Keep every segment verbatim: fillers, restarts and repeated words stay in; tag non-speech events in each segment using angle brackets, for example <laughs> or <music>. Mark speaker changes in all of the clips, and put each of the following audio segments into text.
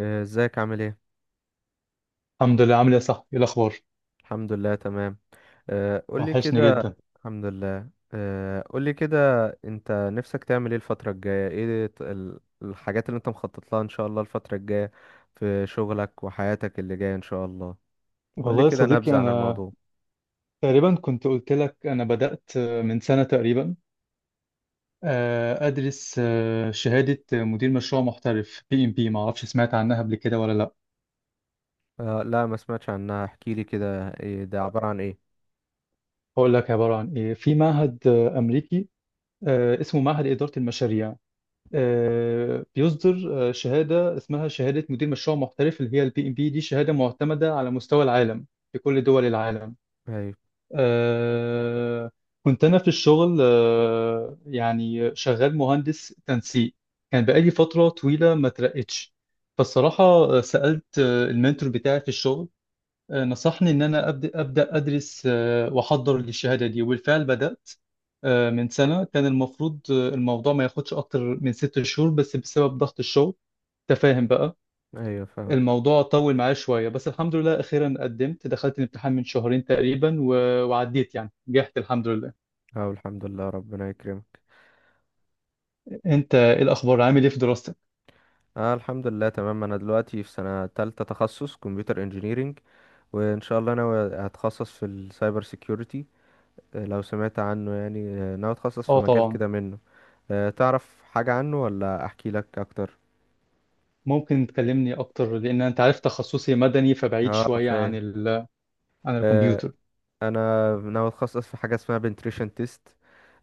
Speaker 1: آه، ازيك عامل ايه؟
Speaker 2: الحمد لله، عامل ايه يا صاحبي؟ ايه الاخبار؟
Speaker 1: الحمد لله تمام. آه، قولي
Speaker 2: وحشني
Speaker 1: كده.
Speaker 2: جدا.
Speaker 1: الحمد لله. آه، قولي كده، انت نفسك تعمل ايه الفترة الجاية؟ ايه ت- ال- الحاجات اللي انت مخطط لها ان شاء الله الفترة الجاية في شغلك وحياتك اللي جاية ان شاء الله؟ قولي
Speaker 2: والله يا
Speaker 1: كده
Speaker 2: صديقي،
Speaker 1: نبذة عن
Speaker 2: انا
Speaker 1: الموضوع.
Speaker 2: تقريبا كنت قلت لك انا بدأت من سنة تقريبا، آه، ادرس آه، شهادة مدير مشروع محترف بي ام بي. ما اعرفش سمعت عنها قبل كده ولا لا؟
Speaker 1: آه، لا، ما سمعتش عنها، احكيلي كده، ايه ده؟ عبارة عن ايه؟
Speaker 2: هقول لك عبارة عن ايه. في معهد آه، امريكي، آه، اسمه معهد إدارة المشاريع. آه، بيصدر آه، شهادة اسمها شهادة مدير مشروع محترف، اللي هي البي ام بي دي. شهادة معتمدة على مستوى العالم، في كل دول العالم.
Speaker 1: ايوه.
Speaker 2: آه كنت أنا في الشغل، آه يعني شغال مهندس تنسيق. كان بقالي فترة طويلة ما ترقتش، فالصراحة آه، سألت آه، المنتور بتاعي في الشغل. آه نصحني إن أنا أبدأ, أبدأ أدرس آه وأحضر للشهادة دي، وبالفعل بدأت آه من سنة. كان المفروض آه، الموضوع ما ياخدش أكتر من ست شهور، بس بسبب ضغط الشغل، تفاهم بقى.
Speaker 1: ايوه فاهم.
Speaker 2: الموضوع طول معايا شوية، بس الحمد لله أخيرا قدمت، دخلت الامتحان من شهرين تقريبا و... وعديت، يعني نجحت الحمد لله.
Speaker 1: اه الحمد لله، ربنا يكرمك.
Speaker 2: أنت إيه الأخبار؟ عامل إيه في دراستك؟
Speaker 1: اه الحمد لله تمام. انا دلوقتي في سنة تالتة، تخصص كمبيوتر انجينيرينج. وان شاء الله انا هتخصص في السايبر سيكيورتي. آه، لو سمعت عنه يعني. آه، ناوي اتخصص في
Speaker 2: آه
Speaker 1: مجال
Speaker 2: طبعا.
Speaker 1: كده منه. آه، تعرف حاجة عنه ولا احكي لك اكتر؟
Speaker 2: ممكن تكلمني أكتر، لأن أنت عارف تخصصي مدني، فبعيد
Speaker 1: اه
Speaker 2: شوية عن
Speaker 1: فاهم.
Speaker 2: ال... عن
Speaker 1: آه،
Speaker 2: الكمبيوتر.
Speaker 1: انا ناوي اتخصص في حاجة اسمها بنتريشن تيست.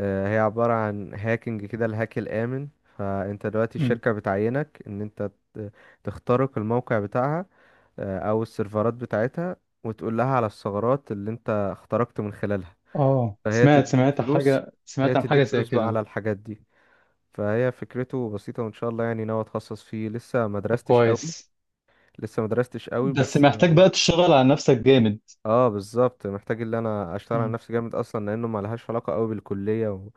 Speaker 1: هي عبارة عن هاكينج كده، الهاك الآمن. فانت دلوقتي
Speaker 2: مم.
Speaker 1: الشركة بتعينك ان انت ت- تخترق الموقع بتاعها آه، او السيرفرات بتاعتها، وتقول لها على الثغرات اللي انت اخترقت من خلالها،
Speaker 2: آه
Speaker 1: فهي
Speaker 2: سمعت
Speaker 1: تديك
Speaker 2: سمعت
Speaker 1: فلوس.
Speaker 2: حاجة،
Speaker 1: هي
Speaker 2: سمعت عن حاجة
Speaker 1: تديك
Speaker 2: زي
Speaker 1: فلوس بقى
Speaker 2: كده.
Speaker 1: على الحاجات دي. فهي فكرته بسيطة، وان شاء الله يعني ناوي اتخصص فيه. لسه ما
Speaker 2: طب
Speaker 1: درستش قوي
Speaker 2: كويس.
Speaker 1: لسه ما درستش قوي
Speaker 2: بس
Speaker 1: بس.
Speaker 2: محتاج بقى تشتغل على نفسك جامد.
Speaker 1: اه بالظبط، محتاج ان انا اشتغل على
Speaker 2: مم.
Speaker 1: نفسي جامد، اصلا لانه ما لهاش علاقة قوي بالكلية، و...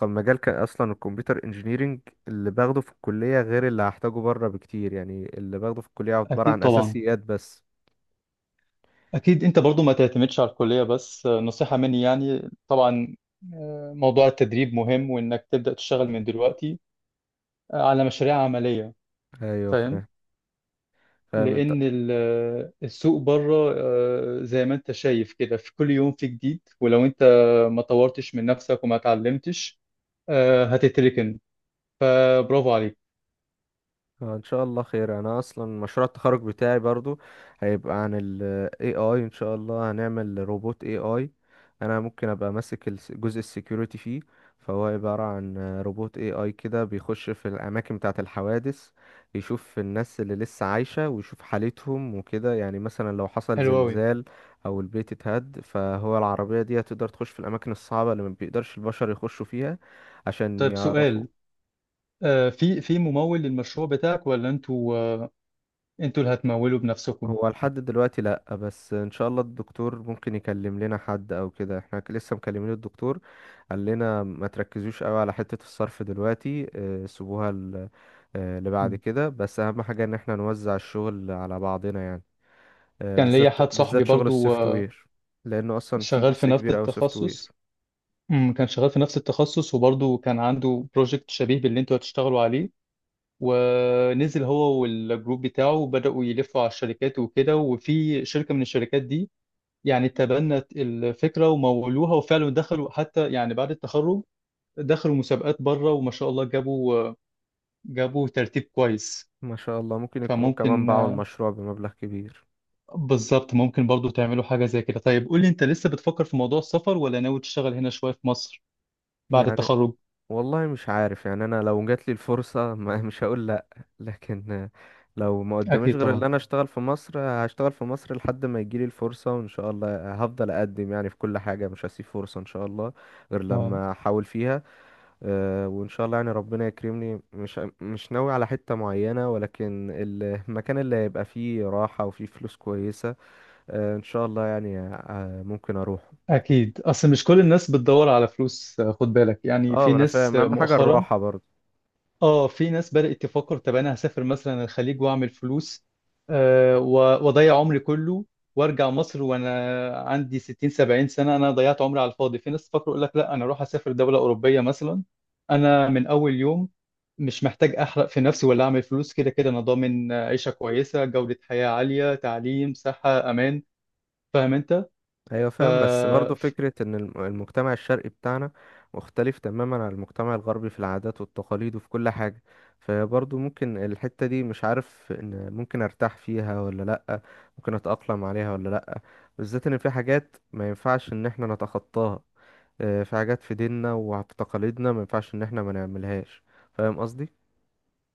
Speaker 1: كان مجال كان اصلا الكمبيوتر انجينيرينج اللي باخده في الكلية غير اللي هحتاجه بره بكتير. يعني اللي باخده في الكلية عبارة
Speaker 2: أكيد
Speaker 1: عن
Speaker 2: طبعا.
Speaker 1: اساسيات بس.
Speaker 2: أكيد أنت برضو ما تعتمدش على الكلية، بس آه، نصيحة مني يعني طبعا، آه، موضوع التدريب مهم، وإنك تبدأ تشتغل من دلوقتي آه، على مشاريع عملية.
Speaker 1: ايوه
Speaker 2: فاهم؟
Speaker 1: فاهم. فاهم.
Speaker 2: لأن ال- آه، السوق بره، آه، زي ما أنت شايف كده، في كل يوم في جديد. ولو أنت ما طورتش من نفسك وما اتعلمتش، آه، هتتركن. فبرافو عليك.
Speaker 1: آه، ان شاء الله خير. انا اصلا مشروع التخرج بتاعي برضو هيبقى عن ال إي آي. ان شاء الله هنعمل روبوت A I. انا ممكن ابقى ماسك الس- جزء السكيورتي فيه. فهو عبارة عن روبوت A I كده بيخش في الاماكن بتاعة الحوادث، يشوف الناس اللي لسه عايشة ويشوف حالتهم وكده. يعني مثلا لو حصل
Speaker 2: حلو أوي.
Speaker 1: زلزال او البيت اتهد، فهو العربية دي هتقدر تخش في الاماكن الصعبة اللي ما بيقدرش البشر يخشوا فيها، عشان
Speaker 2: طيب
Speaker 1: يعرفوا.
Speaker 2: سؤال، آه، في في ممول للمشروع بتاعك، ولا أنتوا آه، أنتوا اللي هتمولوا بنفسكم؟
Speaker 1: هو لحد دلوقتي لأ، بس إن شاء الله الدكتور ممكن يكلم لنا حد أو كده. احنا ك- لسه مكلمين الدكتور. قال لنا ما تركزوش قوي على حتة الصرف دلوقتي، آه، سيبوها ل- آه، لبعد كده. بس أهم حاجة إن احنا نوزع الشغل على بعضنا يعني، آه،
Speaker 2: كان ليا
Speaker 1: بالذات
Speaker 2: حد صاحبي
Speaker 1: بالذات شغل
Speaker 2: برضو
Speaker 1: السوفت وير، لأنه أصلا في
Speaker 2: شغال في
Speaker 1: جزء
Speaker 2: نفس
Speaker 1: كبير أوي سوفت وير.
Speaker 2: التخصص. أمم، كان شغال في نفس التخصص، وبرضه كان عنده بروجكت شبيه باللي انتوا هتشتغلوا عليه، ونزل هو والجروب بتاعه وبدأوا يلفوا على الشركات وكده. وفي شركة من الشركات دي يعني تبنت الفكرة ومولوها، وفعلا دخلوا، حتى يعني بعد التخرج دخلوا مسابقات بره، وما شاء الله جابوا جابوا ترتيب كويس.
Speaker 1: ما شاء الله، ممكن يكونوا كمان
Speaker 2: فممكن،
Speaker 1: باعوا المشروع بمبلغ كبير.
Speaker 2: بالظبط، ممكن برضو تعملوا حاجة زي كده. طيب قول لي، انت لسه بتفكر في موضوع السفر، ولا ناوي تشتغل هنا شوية في مصر بعد
Speaker 1: يعني
Speaker 2: التخرج؟
Speaker 1: والله مش عارف يعني. انا لو جات لي الفرصه <laughs> ما مش هقول لا. لكن لو ما قداميش
Speaker 2: أكيد
Speaker 1: غير ان
Speaker 2: طبعا.
Speaker 1: انا اشتغل في مصر هشتغال في مصر لحد ما يجي لي الفرصه، وان شاء الله هفضل اقدم يعني في كل حاجه، مش هسيب فرصه ان شاء الله غير
Speaker 2: اه،
Speaker 1: لما احاول فيها. آه، وان شاء الله يعني ربنا يكرمني. مش مش ناوي على حته معينه، ولكن المكان اللي هيبقى فيه راحه وفيه فلوس كويسه، آه، ان شاء الله يعني آه، ممكن اروح.
Speaker 2: أكيد. أصل مش كل الناس بتدور على فلوس، آه، خد بالك، يعني
Speaker 1: اه
Speaker 2: في
Speaker 1: ما انا
Speaker 2: ناس
Speaker 1: فاهم،
Speaker 2: آه،
Speaker 1: اهم حاجه
Speaker 2: مؤخرا،
Speaker 1: الراحه برضه.
Speaker 2: اه، في ناس بدأت تفكر طب أنا هسافر مثلا الخليج وأعمل فلوس آه، و- وأضيع عمري كله، وأرجع مصر وأنا عندي ستين سبعين سنة، أنا ضيعت عمري على الفاضي. في ناس تفكر يقول لك لا، أنا أروح أسافر دولة أوروبية مثلا، أنا من أول يوم مش محتاج أحرق في نفسي ولا أعمل فلوس، كده كده أنا ضامن آه، عيشة كويسة، جودة حياة عالية، تعليم، صحة، أمان. فاهم أنت؟
Speaker 1: ايوه
Speaker 2: ف...
Speaker 1: فاهم، بس برضو فكرة ان الم- المجتمع الشرقي بتاعنا مختلف تماما عن المجتمع الغربي في العادات والتقاليد وفي كل حاجة. فبرضو ممكن الحتة دي مش عارف ان ممكن ارتاح فيها ولا لأ، ممكن اتأقلم عليها ولا لأ. بالذات ان في حاجات ما ينفعش ان احنا نتخطاها. آه، في حاجات في ديننا وفي تقاليدنا ما ينفعش ان احنا ما نعملهاش. فاهم قصدي؟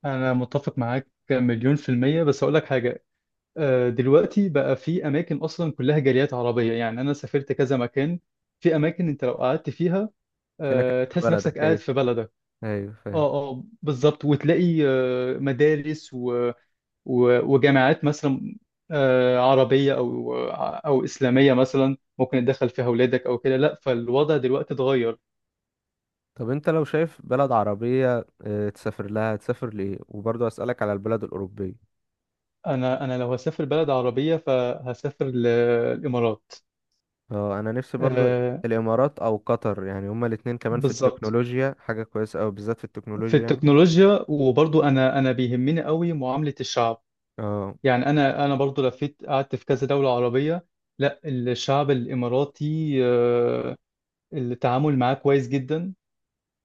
Speaker 2: أنا متفق معاك مليون في المية، بس أقول لك حاجة. آه، دلوقتي بقى في أماكن أصلا كلها جاليات عربية، يعني أنا سافرت كذا مكان، في أماكن أنت لو قعدت فيها
Speaker 1: كأنك
Speaker 2: آه،
Speaker 1: في
Speaker 2: تحس نفسك
Speaker 1: بلدك،
Speaker 2: قاعد
Speaker 1: ايوه.
Speaker 2: في بلدك.
Speaker 1: ايوه فاهم.
Speaker 2: أه أه، بالظبط. وتلاقي آه، مدارس و- و- وجامعات مثلا آه، عربية أو أو إسلامية مثلا، ممكن تدخل فيها أولادك أو كده. لا، فالوضع دلوقتي اتغير.
Speaker 1: طب انت لو شايف بلد عربية آه، تسافر لها، تسافر لإيه؟ وبرضو اسألك على البلد الأوروبية.
Speaker 2: أنا أنا لو هسافر بلد عربية فهسافر للإمارات.
Speaker 1: اه انا نفسي برضو.
Speaker 2: آه،
Speaker 1: الامارات او قطر، يعني هما الاتنين كمان في
Speaker 2: بالظبط،
Speaker 1: التكنولوجيا حاجة كويسة اوي، بالذات في
Speaker 2: في
Speaker 1: التكنولوجيا يعني.
Speaker 2: التكنولوجيا، وبرضو انا انا بيهمني قوي معاملة الشعب.
Speaker 1: اه.
Speaker 2: يعني انا انا برضو لفيت، قعدت في كذا دولة عربية. لا، الشعب الاماراتي آه، التعامل معاه كويس جدا،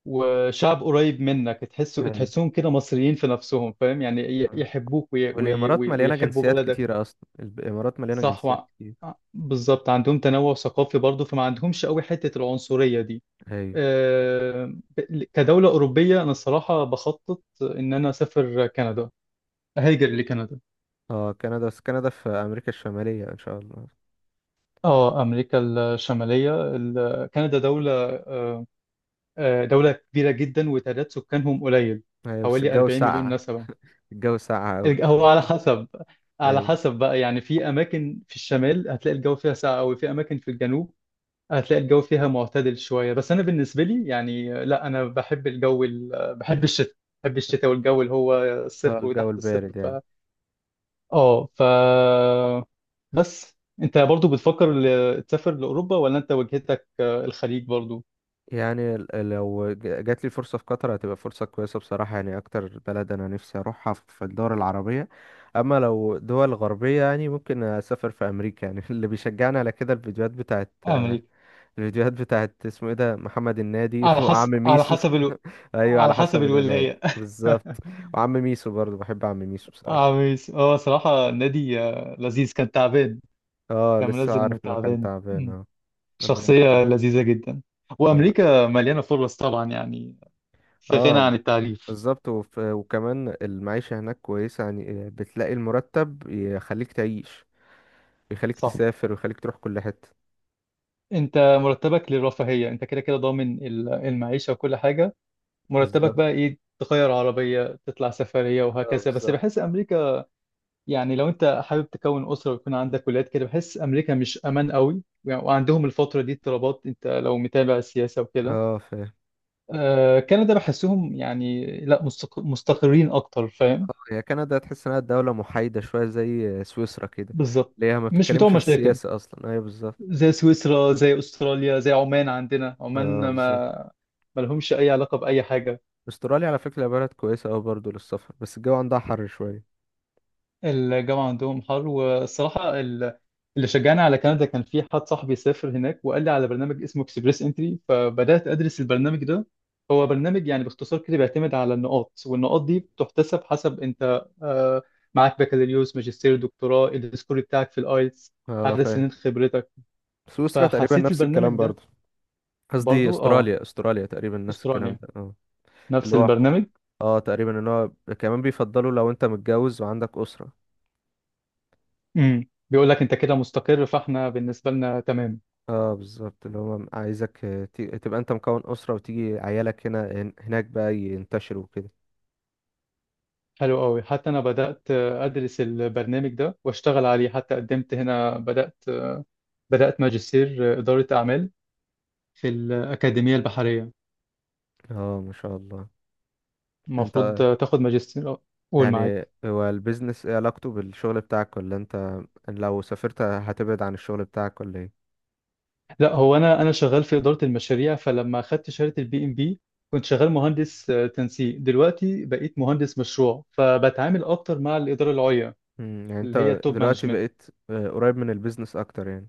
Speaker 2: وشعب قريب منك، تحسه
Speaker 1: ايوه.
Speaker 2: تحسهم كده مصريين في نفسهم، فاهم يعني، ي-
Speaker 1: آه.
Speaker 2: يحبوك، وي وي
Speaker 1: والامارات
Speaker 2: وي
Speaker 1: مليانة
Speaker 2: ويحبوا
Speaker 1: جنسيات
Speaker 2: بلدك.
Speaker 1: كتيرة، اصلا الامارات مليانة
Speaker 2: صح
Speaker 1: جنسيات
Speaker 2: وع-
Speaker 1: كتير.
Speaker 2: بالظبط، عندهم تنوع ثقافي برضو، فما عندهمش قوي حتة العنصرية دي.
Speaker 1: ايوه.
Speaker 2: آه، ب- كدولة أوروبية، أنا الصراحة بخطط إن أنا أسافر كندا. هيجر لكندا.
Speaker 1: اه كندا، بس كندا في امريكا الشمالية ان شاء الله.
Speaker 2: اه، امريكا الشماليه. ال- كندا دوله آه، آه، دوله كبيره جدا، وتعداد سكانهم قليل،
Speaker 1: ايوه بس
Speaker 2: حوالي
Speaker 1: الجو
Speaker 2: اربعين مليون
Speaker 1: ساقعة،
Speaker 2: نسمه.
Speaker 1: الجو ساقعة اوي.
Speaker 2: الج- هو على حسب، على
Speaker 1: ايوه.
Speaker 2: حسب بقى يعني. في اماكن في الشمال هتلاقي الجو فيها ساقع قوي، في اماكن في الجنوب هتلاقي الجو فيها معتدل شويه. بس انا بالنسبه لي يعني آه، لا، انا بحب الجو ال- آه، بحب الشتاء، بحب الشتاء والجو اللي هو
Speaker 1: اه
Speaker 2: الصفر
Speaker 1: الجو
Speaker 2: وتحت
Speaker 1: البارد يعني.
Speaker 2: الصفر. اه، ف بس، انت برضو بتفكر ل- تسافر لاوروبا، ولا انت وجهتك آه، الخليج برضو؟
Speaker 1: يعني ال- لو ج- جات لي فرصة في قطر هتبقى فرصة كويسة بصراحة يعني، أكتر بلد أنا نفسي أروحها في الدول العربية. أما لو دول غربية يعني، ممكن أسافر في أمريكا يعني <laughs> اللي بيشجعني على كده الفيديوهات بتاعت آه،
Speaker 2: امريكا،
Speaker 1: الفيديوهات بتاعت اسمه إيه ده محمد النادي <laughs>
Speaker 2: على
Speaker 1: وعم
Speaker 2: حسب، على
Speaker 1: ميسو
Speaker 2: حسب الو...
Speaker 1: <laughs> أيوة
Speaker 2: على
Speaker 1: على
Speaker 2: حسب
Speaker 1: حسب الولاية.
Speaker 2: الولايه.
Speaker 1: بالظبط.
Speaker 2: <laughs>
Speaker 1: وعم ميسو برضه بحب عم ميسو بصراحة.
Speaker 2: عميس هو صراحه نادي آه، لذيذ، كان تعبان،
Speaker 1: اه
Speaker 2: كان
Speaker 1: لسه
Speaker 2: منزل
Speaker 1: عارف
Speaker 2: انه
Speaker 1: إنه كان
Speaker 2: تعبان.
Speaker 1: تعبان،
Speaker 2: مم.
Speaker 1: اه. ربنا يشفيه.
Speaker 2: شخصيه لذيذه جدا. وامريكا مليانه فرص طبعا يعني، في غنى
Speaker 1: اه
Speaker 2: عن التعريف.
Speaker 1: بالظبط، وف- وكمان المعيشة هناك كويسة، يعني بتلاقي المرتب يخليك تعيش ويخليك
Speaker 2: صح.
Speaker 1: تسافر ويخليك تروح كل حتة.
Speaker 2: انت مرتبك للرفاهيه، انت كده كده ضامن ال- المعيشه وكل حاجه. مرتبك
Speaker 1: بالظبط،
Speaker 2: بقى ايه؟ تغير عربية، تطلع سفرية،
Speaker 1: اه
Speaker 2: وهكذا. بس
Speaker 1: بالظبط.
Speaker 2: بحس أمريكا، يعني لو أنت حابب تكون أسرة ويكون عندك ولاد كده، بحس أمريكا مش أمان قوي يعني، وعندهم الفترة دي اضطرابات، أنت لو متابع السياسة وكده.
Speaker 1: اه فاهم.
Speaker 2: آه كندا بحسهم يعني لا، مستق- مستقرين أكتر، فاهم؟
Speaker 1: اه هي كندا تحس انها دولة محايدة شوية زي سويسرا كده،
Speaker 2: بالظبط،
Speaker 1: اللي هي ما
Speaker 2: مش بتوع
Speaker 1: بتتكلمش في
Speaker 2: مشاكل،
Speaker 1: السياسة اصلا، ايوه بالظبط.
Speaker 2: زي سويسرا، زي أستراليا، زي عمان. عندنا
Speaker 1: اه
Speaker 2: عمان ما
Speaker 1: بالظبط.
Speaker 2: ما لهمش أي علاقة بأي حاجة.
Speaker 1: استراليا على فكرة بلد كويسة اوي برضه للسفر، بس الجو عندها حر شوية.
Speaker 2: الجامعة عندهم حر، والصراحة ال- اللي شجعني على كندا، كان في حد صاحبي سافر هناك وقال لي على برنامج اسمه اكسبريس انتري، فبدأت أدرس البرنامج ده. هو برنامج يعني باختصار كده، بيعتمد على النقاط، والنقاط دي بتحتسب حسب أنت آه، معاك بكالوريوس، ماجستير، دكتوراه، السكور بتاعك في الآيلتس،
Speaker 1: اه
Speaker 2: عدد
Speaker 1: فاهم.
Speaker 2: سنين خبرتك.
Speaker 1: سويسرا تقريبا
Speaker 2: فحسيت
Speaker 1: نفس
Speaker 2: البرنامج
Speaker 1: الكلام
Speaker 2: ده،
Speaker 1: برضه. قصدي
Speaker 2: برضو اه،
Speaker 1: استراليا، استراليا تقريبا نفس الكلام
Speaker 2: استراليا
Speaker 1: ده، اه.
Speaker 2: نفس
Speaker 1: اللي هو
Speaker 2: البرنامج.
Speaker 1: اه تقريبا ان هو كمان بيفضلوا لو انت متجوز وعندك اسره.
Speaker 2: امم بيقول لك أنت كده مستقر، فاحنا بالنسبة لنا تمام.
Speaker 1: اه بالظبط، اللي هو عايزك آه، ت- تبقى انت مكون اسره، وتيجي عيالك هنا هن- هناك بقى ينتشروا كده.
Speaker 2: حلو قوي، حتى انا بدات ادرس البرنامج ده واشتغل عليه، حتى قدمت هنا، بدات بدات ماجستير اداره اعمال في الاكاديميه البحريه.
Speaker 1: اه ما شاء الله. انت،
Speaker 2: المفروض تاخد ماجستير، آه، قول
Speaker 1: يعني
Speaker 2: معاك.
Speaker 1: هو البيزنس ايه علاقته بالشغل بتاعك؟ ولا انت لو سافرت هتبعد عن الشغل بتاعك ولا ايه؟
Speaker 2: لا، هو انا انا شغال في اداره المشاريع، فلما اخدت شهاده البي ام بي كنت شغال مهندس آه، تنسيق، دلوقتي بقيت مهندس مشروع، فبتعامل اكتر مع الاداره العليا
Speaker 1: مم، يعني
Speaker 2: اللي هي
Speaker 1: انت
Speaker 2: التوب
Speaker 1: دلوقتي
Speaker 2: مانجمنت.
Speaker 1: بقيت آه، قريب من البيزنس اكتر يعني.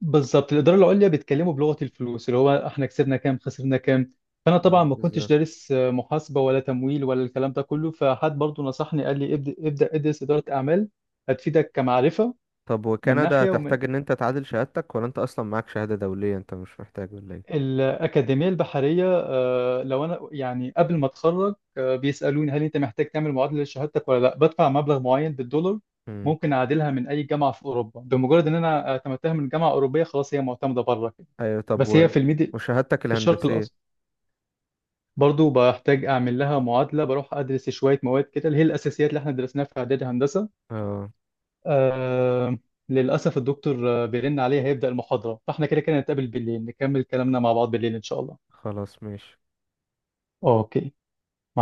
Speaker 2: بالظبط، الاداره العليا بيتكلموا بلغه الفلوس، اللي هو احنا كسبنا كام خسرنا كام. فانا طبعا
Speaker 1: مم،
Speaker 2: ما كنتش
Speaker 1: بالظبط.
Speaker 2: دارس آه، محاسبه ولا تمويل ولا الكلام ده كله، فحد برضو نصحني قال لي ابدا، ابدا ادرس اداره اعمال هتفيدك كمعرفه.
Speaker 1: طب
Speaker 2: من
Speaker 1: وكندا
Speaker 2: ناحيه. ومن
Speaker 1: تحتاج ان انت تعادل شهادتك؟ ولا انت اصلا معاك شهاده دوليه، انت مش محتاج ولا ايه؟
Speaker 2: الاكاديميه البحريه آه، لو انا يعني قبل ما اتخرج آه، بيسالوني هل انت محتاج تعمل معادله لشهادتك ولا لا، بدفع مبلغ معين بالدولار
Speaker 1: مم.
Speaker 2: ممكن اعادلها من اي جامعه في اوروبا، بمجرد ان انا اعتمدتها من جامعه اوروبيه خلاص، هي معتمده بره كده.
Speaker 1: ايوه طب
Speaker 2: بس
Speaker 1: و،
Speaker 2: هي في الميدي
Speaker 1: وشهادتك
Speaker 2: في الشرق
Speaker 1: الهندسية.
Speaker 2: الاوسط، برضو بحتاج اعمل لها معادله، بروح ادرس شويه مواد كده اللي هي الاساسيات اللي احنا درسناها في اعدادي هندسه.
Speaker 1: اه.
Speaker 2: آه للاسف الدكتور آه، بيرن عليا، هيبدا المحاضره، فاحنا كده كده نتقابل بالليل، نكمل كلامنا مع بعض بالليل ان شاء الله.
Speaker 1: خلاص ماشي.
Speaker 2: اوكي.